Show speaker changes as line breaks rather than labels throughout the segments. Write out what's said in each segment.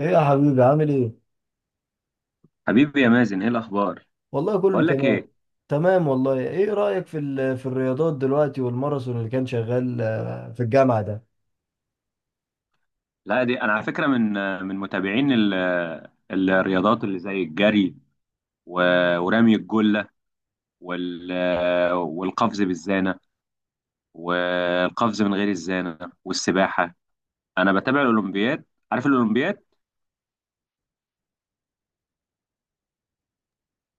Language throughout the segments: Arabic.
ايه يا حبيبي، عامل ايه؟
حبيبي يا مازن، ايه الاخبار؟
والله كله
بقول لك ايه.
تمام. تمام والله. ايه رأيك في الرياضات دلوقتي والماراثون اللي كان شغال، في الجامعة ده؟
لا دي انا على فكره من من متابعين ال- الرياضات اللي زي الجري ورمي الجله وال والقفز بالزانه والقفز من غير الزانه والسباحه. انا بتابع الاولمبياد، عارف الاولمبياد؟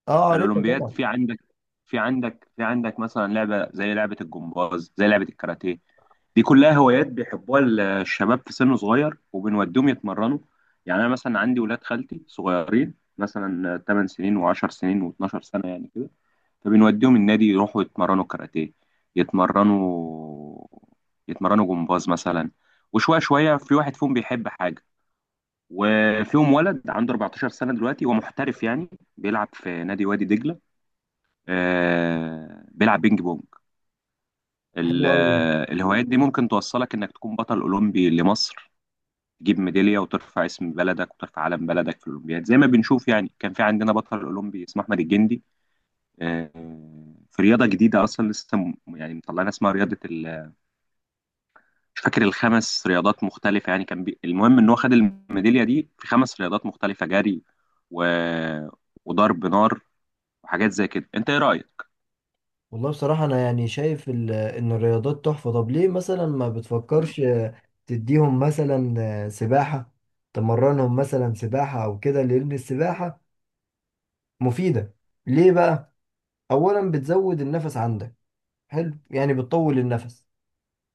اه، عارفها
الاولمبياد
طبعا.
في عندك، في عندك مثلا لعبه زي لعبه الجمباز، زي لعبه الكاراتيه. دي كلها هوايات بيحبوها الشباب في سن صغير، وبنوديهم يتمرنوا. يعني انا مثلا عندي ولاد خالتي صغيرين، مثلا 8 سنين و10 سنين و12 سنه يعني كده، فبنوديهم النادي يروحوا يتمرنوا كاراتيه، يتمرنوا يتمرنوا جمباز مثلا. وشويه شويه في واحد فيهم بيحب حاجه، وفيهم ولد عنده 14 سنه دلوقتي هو محترف يعني، بيلعب في نادي وادي دجله. بيلعب بينج بونج.
حلو قوي.
الهوايات دي ممكن توصلك انك تكون بطل اولمبي لمصر، تجيب ميداليه وترفع اسم بلدك وترفع علم بلدك في الاولمبياد، زي ما بنشوف. يعني كان في عندنا بطل اولمبي اسمه احمد الجندي. آه، في رياضه جديده اصلا، لسه يعني مطلعنا، اسمها رياضه مش فاكر، الخمس رياضات مختلفه. يعني كان المهم ان هو خد الميداليه دي في خمس رياضات مختلفه: جري و... وضرب نار وحاجات زي كده. انت ايه رايك؟
والله بصراحة انا يعني شايف ان الرياضات تحفة. طب ليه مثلا ما بتفكرش تديهم مثلا سباحة؟ تمرنهم مثلا سباحة او كده، لان السباحة مفيدة. ليه بقى؟ اولا بتزود النفس عندك، حلو يعني بتطول النفس.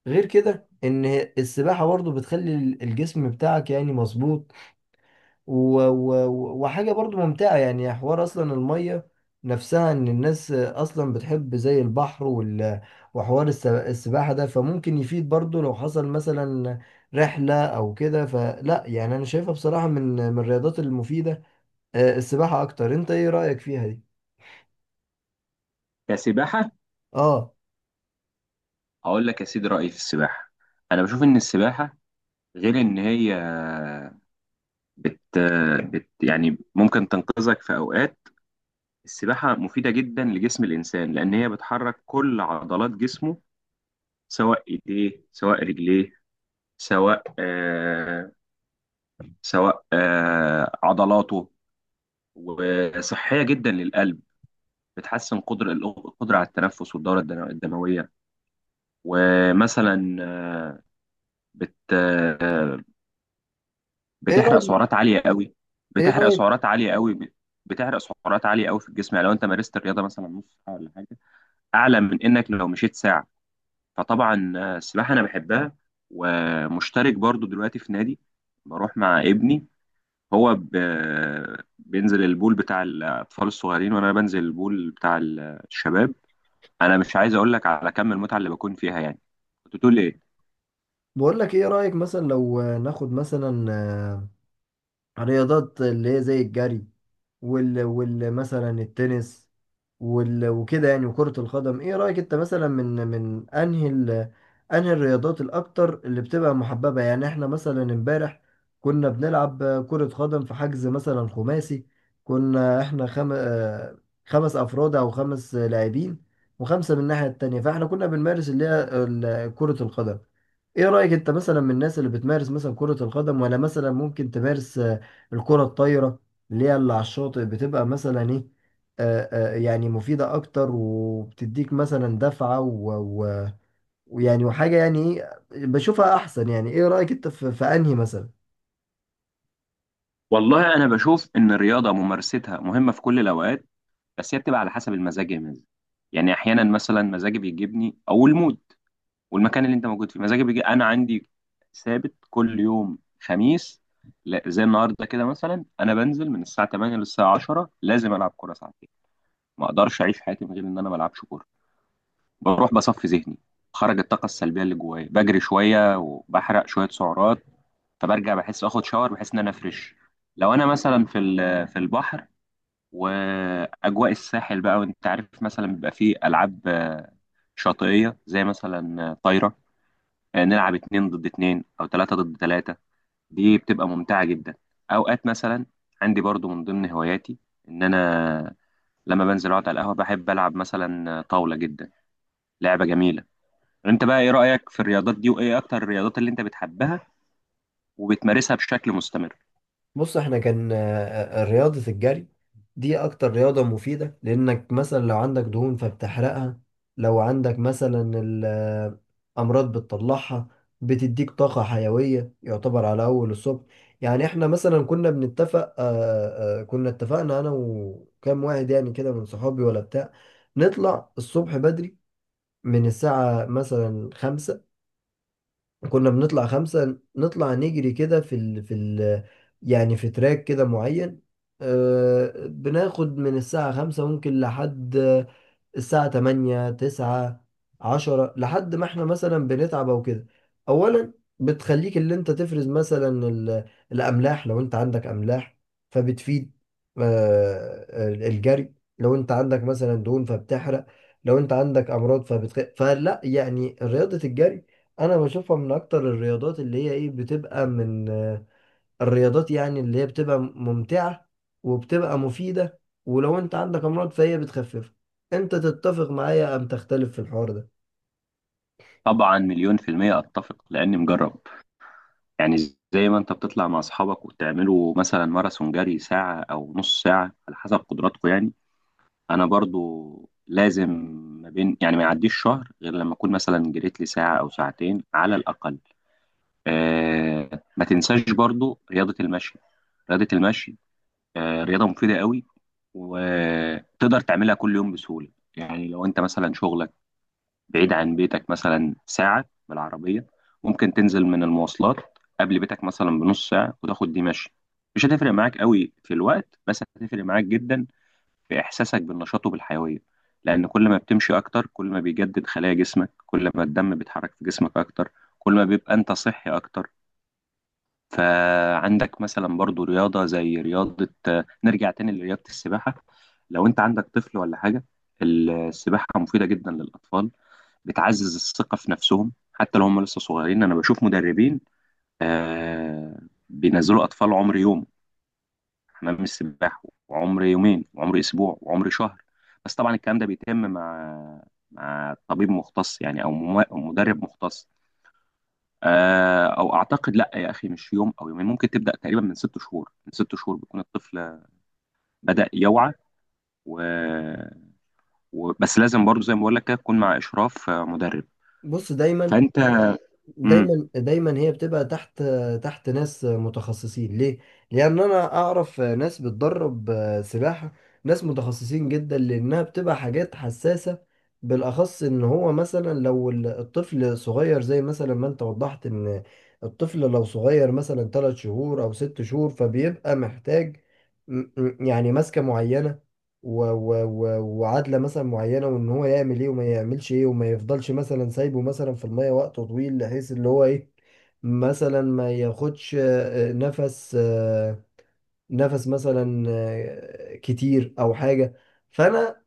غير كده ان السباحة برضو بتخلي الجسم بتاعك يعني مظبوط، و... و... وحاجة برضو ممتعة يعني. حوار اصلا المية نفسها، ان الناس اصلا بتحب زي البحر وحوار السباحة ده، فممكن يفيد برضو لو حصل مثلا رحلة او كده. فلا يعني انا شايفها بصراحة من الرياضات المفيدة، السباحة اكتر. انت ايه رأيك فيها دي؟
كسباحه؟
اه،
هقول لك يا سيدي رأيي في السباحة. أنا بشوف إن السباحة، غير إن هي بت... بت يعني ممكن تنقذك في أوقات، السباحة مفيدة جدا لجسم الإنسان لأن هي بتحرك كل عضلات جسمه، سواء إيديه سواء رجليه، سواء آه سواء عضلاته. وصحية جدا للقلب، بتحسن قدر القدرة على التنفس والدورة الدموية. ومثلا آه، بت آه،
ايه
بتحرق
رأيك؟
سعرات عاليه قوي.
ايه
بتحرق
رأيك؟
سعرات عاليه قوي ب- بتحرق سعرات عاليه قوي في الجسم. يعني لو انت مارست الرياضه مثلا نص ساعه ولا حاجه، اعلى من انك لو مشيت ساعه. فطبعا السباحه انا بحبها، ومشترك برضو دلوقتي في نادي، بروح مع ابني. هو ب... بينزل البول بتاع الاطفال الصغيرين وانا بنزل البول بتاع الشباب. انا مش عايز اقول لك على كم المتعه اللي بكون فيها يعني. كنت تقول ايه؟
بقول لك، ايه رأيك مثلا لو ناخد مثلا رياضات اللي هي زي الجري وال, وال مثلا التنس وكده يعني، وكرة القدم. ايه رأيك انت مثلا من انهي انهي الرياضات الاكتر اللي بتبقى محببة؟ يعني احنا مثلا امبارح كنا بنلعب كرة قدم في حجز مثلا خماسي، كنا احنا خم... آه، خمس افراد او خمس لاعبين وخمسة من الناحية التانية، فاحنا كنا بنمارس اللي هي كرة القدم. ايه رأيك انت مثلا، من الناس اللي بتمارس مثلا كرة القدم؟ ولا مثلا ممكن تمارس الكرة الطايرة اللي هي اللي على الشاطئ، بتبقى مثلا ايه، يعني مفيدة أكتر وبتديك مثلا دفعة ويعني وحاجة، يعني إيه؟ بشوفها أحسن يعني. إيه رأيك أنت في في أنهي مثلا؟
والله انا بشوف ان الرياضه ممارستها مهمه في كل الاوقات، بس هي بتبقى على حسب المزاج يا مازن. يعني احيانا مثلا مزاجي بيجيبني، او المود والمكان اللي انت موجود فيه، مزاجي بيجي. انا عندي ثابت كل يوم خميس، لا زي النهارده كده مثلا، انا بنزل من الساعه 8 للساعه 10 لازم العب كوره ساعتين. ما اقدرش اعيش حياتي من غير ان انا ما العبش كوره. بروح بصفي ذهني، خرج الطاقه السلبيه اللي جوايا، بجري شويه وبحرق شويه سعرات، فبرجع بحس، اخد شاور بحس ان انا فريش. لو انا مثلا في في البحر واجواء الساحل بقى، وانت عارف مثلا بيبقى فيه العاب شاطئيه، زي مثلا طايره. نلعب اتنين ضد اتنين او تلاته ضد تلاته. دي بتبقى ممتعه جدا. اوقات مثلا عندي برضو من ضمن هواياتي ان انا لما بنزل اقعد على القهوه، بحب العب مثلا طاوله، جدا لعبه جميله. انت بقى ايه رايك في الرياضات دي، وايه اكتر الرياضات اللي انت بتحبها وبتمارسها بشكل مستمر؟
بص احنا كان رياضة الجري دي اكتر رياضة مفيدة، لانك مثلا لو عندك دهون فبتحرقها، لو عندك مثلا امراض بتطلعها، بتديك طاقة حيوية يعتبر على اول الصبح. يعني احنا مثلا كنا بنتفق، كنا اتفقنا انا وكام واحد يعني كده من صحابي ولا بتاع، نطلع الصبح بدري من الساعة مثلا خمسة. كنا بنطلع خمسة، نطلع نجري كده في يعني في تراك كده معين. بناخد من الساعة خمسة ممكن لحد الساعة 8 9 10، لحد ما احنا مثلا بنتعب او كده. اولا بتخليك اللي انت تفرز مثلا الاملاح لو انت عندك املاح، فبتفيد آه، الجري. لو انت عندك مثلا دهون فبتحرق، لو انت عندك امراض فلا يعني، رياضة الجري انا بشوفها من اكتر الرياضات اللي هي ايه، بتبقى من الرياضات يعني اللي هي بتبقى ممتعة وبتبقى مفيدة، ولو انت عندك امراض فهي بتخففها. انت تتفق معايا ام تختلف في الحوار ده؟
طبعا مليون في المية اتفق، لاني مجرب. يعني زي ما انت بتطلع مع اصحابك وتعملوا مثلا ماراثون جري ساعة او نص ساعة على حسب قدراتكم، يعني انا برضو لازم، ما بين يعني ما يعديش شهر غير لما اكون مثلا جريت لي ساعة او ساعتين على الاقل. آه ما تنساش برضو رياضة المشي. رياضة المشي آه رياضة مفيدة قوي، وتقدر تعملها كل يوم بسهولة. يعني لو انت مثلا شغلك بعيد عن بيتك مثلا ساعة بالعربية، ممكن تنزل من المواصلات قبل بيتك مثلا بنص ساعة وتاخد دي مشي. مش هتفرق معاك قوي في الوقت، بس هتفرق معاك جدا في إحساسك بالنشاط وبالحيوية، لأن كل ما بتمشي أكتر كل ما بيجدد خلايا جسمك، كل ما الدم بيتحرك في جسمك أكتر كل ما بيبقى أنت صحي أكتر. فعندك مثلا برضو رياضة زي رياضة نرجع تاني لرياضة السباحة. لو انت عندك طفل ولا حاجة، السباحة مفيدة جدا للأطفال، بتعزز الثقة في نفسهم حتى لو هم لسه صغيرين. أنا بشوف مدربين آه بينزلوا أطفال عمر يوم حمام السباحة، وعمر يومين وعمر أسبوع وعمر شهر. بس طبعا الكلام ده بيتم مع طبيب مختص يعني، أو أو مدرب مختص. او اعتقد لا يا اخي، مش يوم او يومين، ممكن تبدا تقريبا من ست شهور. من ست شهور بيكون الطفل بدا يوعى، و... بس لازم برضو زي ما بقول لك كده تكون مع اشراف مدرب.
بص، دايما
فانت. مم.
دايما دايما هي بتبقى تحت ناس متخصصين. ليه؟ لأن أنا أعرف ناس بتدرب سباحة، ناس متخصصين جدا لأنها بتبقى حاجات حساسة، بالأخص إن هو مثلا لو الطفل صغير، زي مثلا ما أنت وضحت، إن الطفل لو صغير مثلا تلات شهور أو ست شهور فبيبقى محتاج يعني ماسكة معينة و و و وعادلة مثلا معينة، وان هو يعمل ايه وما يعملش ايه، وما يفضلش مثلا سايبه مثلا في المية وقت طويل، بحيث اللي هو ايه، مثلا ما ياخدش نفس، نفس مثلا كتير او حاجة. فانا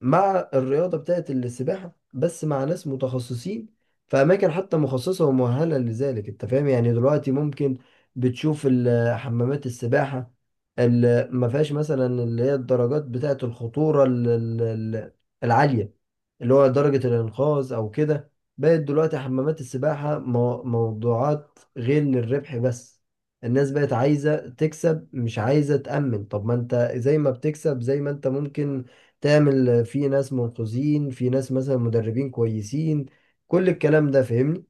مع الرياضة بتاعت السباحة، بس مع ناس متخصصين في أماكن حتى مخصصة ومؤهلة لذلك. أنت فاهم يعني؟ دلوقتي ممكن بتشوف حمامات السباحة اللي ما فيهاش مثلا اللي هي الدرجات بتاعت الخطورة العالية، اللي هو درجة الإنقاذ أو كده. بقت دلوقتي حمامات السباحة موضوعات غير للربح بس، الناس بقت عايزة تكسب مش عايزة تأمن. طب ما انت زي ما بتكسب، زي ما انت ممكن تعمل في ناس منقذين، في ناس مثلا مدربين كويسين. كل الكلام ده فاهمني؟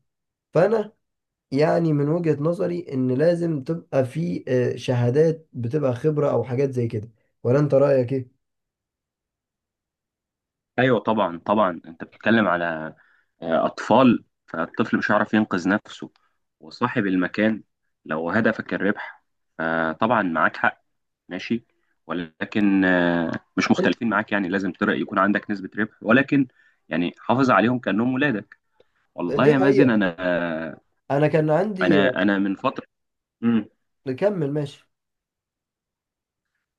فانا يعني من وجهة نظري، ان لازم تبقى في شهادات، بتبقى خبرة او حاجات زي كده. ولا انت رأيك ايه؟
ايوه طبعا، طبعا انت بتتكلم على اطفال، فالطفل مش هيعرف ينقذ نفسه، وصاحب المكان لو هدفك الربح فطبعا معاك حق، ماشي. ولكن مش
ال-
مختلفين معاك، يعني لازم يكون عندك نسبة ربح، ولكن يعني حافظ عليهم كأنهم ولادك. والله
دي
يا مازن
حقيقة.
انا،
انا كان عندي،
انا من فتره، امم
كمل ماشي.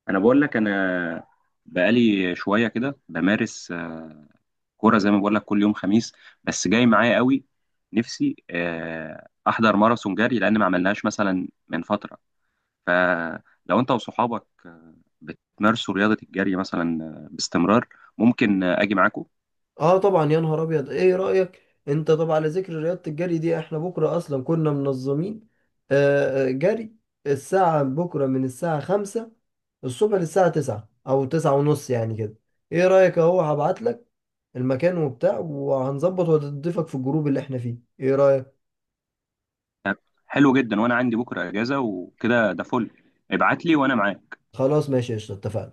انا بقول لك، انا بقالي شويه كده بمارس كوره زي ما بقول لك كل يوم خميس. بس جاي معايا قوي نفسي احضر ماراثون جري، لان ما عملناش مثلا من فتره. فلو انت وصحابك بتمارسوا رياضه الجري مثلا باستمرار، ممكن اجي معاكم.
اه طبعا، يا نهار ابيض، ايه رأيك؟ انت طبعا على ذكر رياضة الجري دي، احنا بكرة اصلا كنا منظمين جري الساعة. بكرة من الساعة خمسة الصبح للساعة تسعة او تسعة ونص يعني كده. ايه رأيك؟ اهو هبعت لك المكان وبتاع، وهنظبط وهتضيفك في الجروب اللي احنا فيه. ايه رأيك؟
حلو جدا، وانا عندي بكره اجازه وكده، ده فل. ابعت لي وانا معاك.
خلاص ماشي، قشطة، اتفقنا.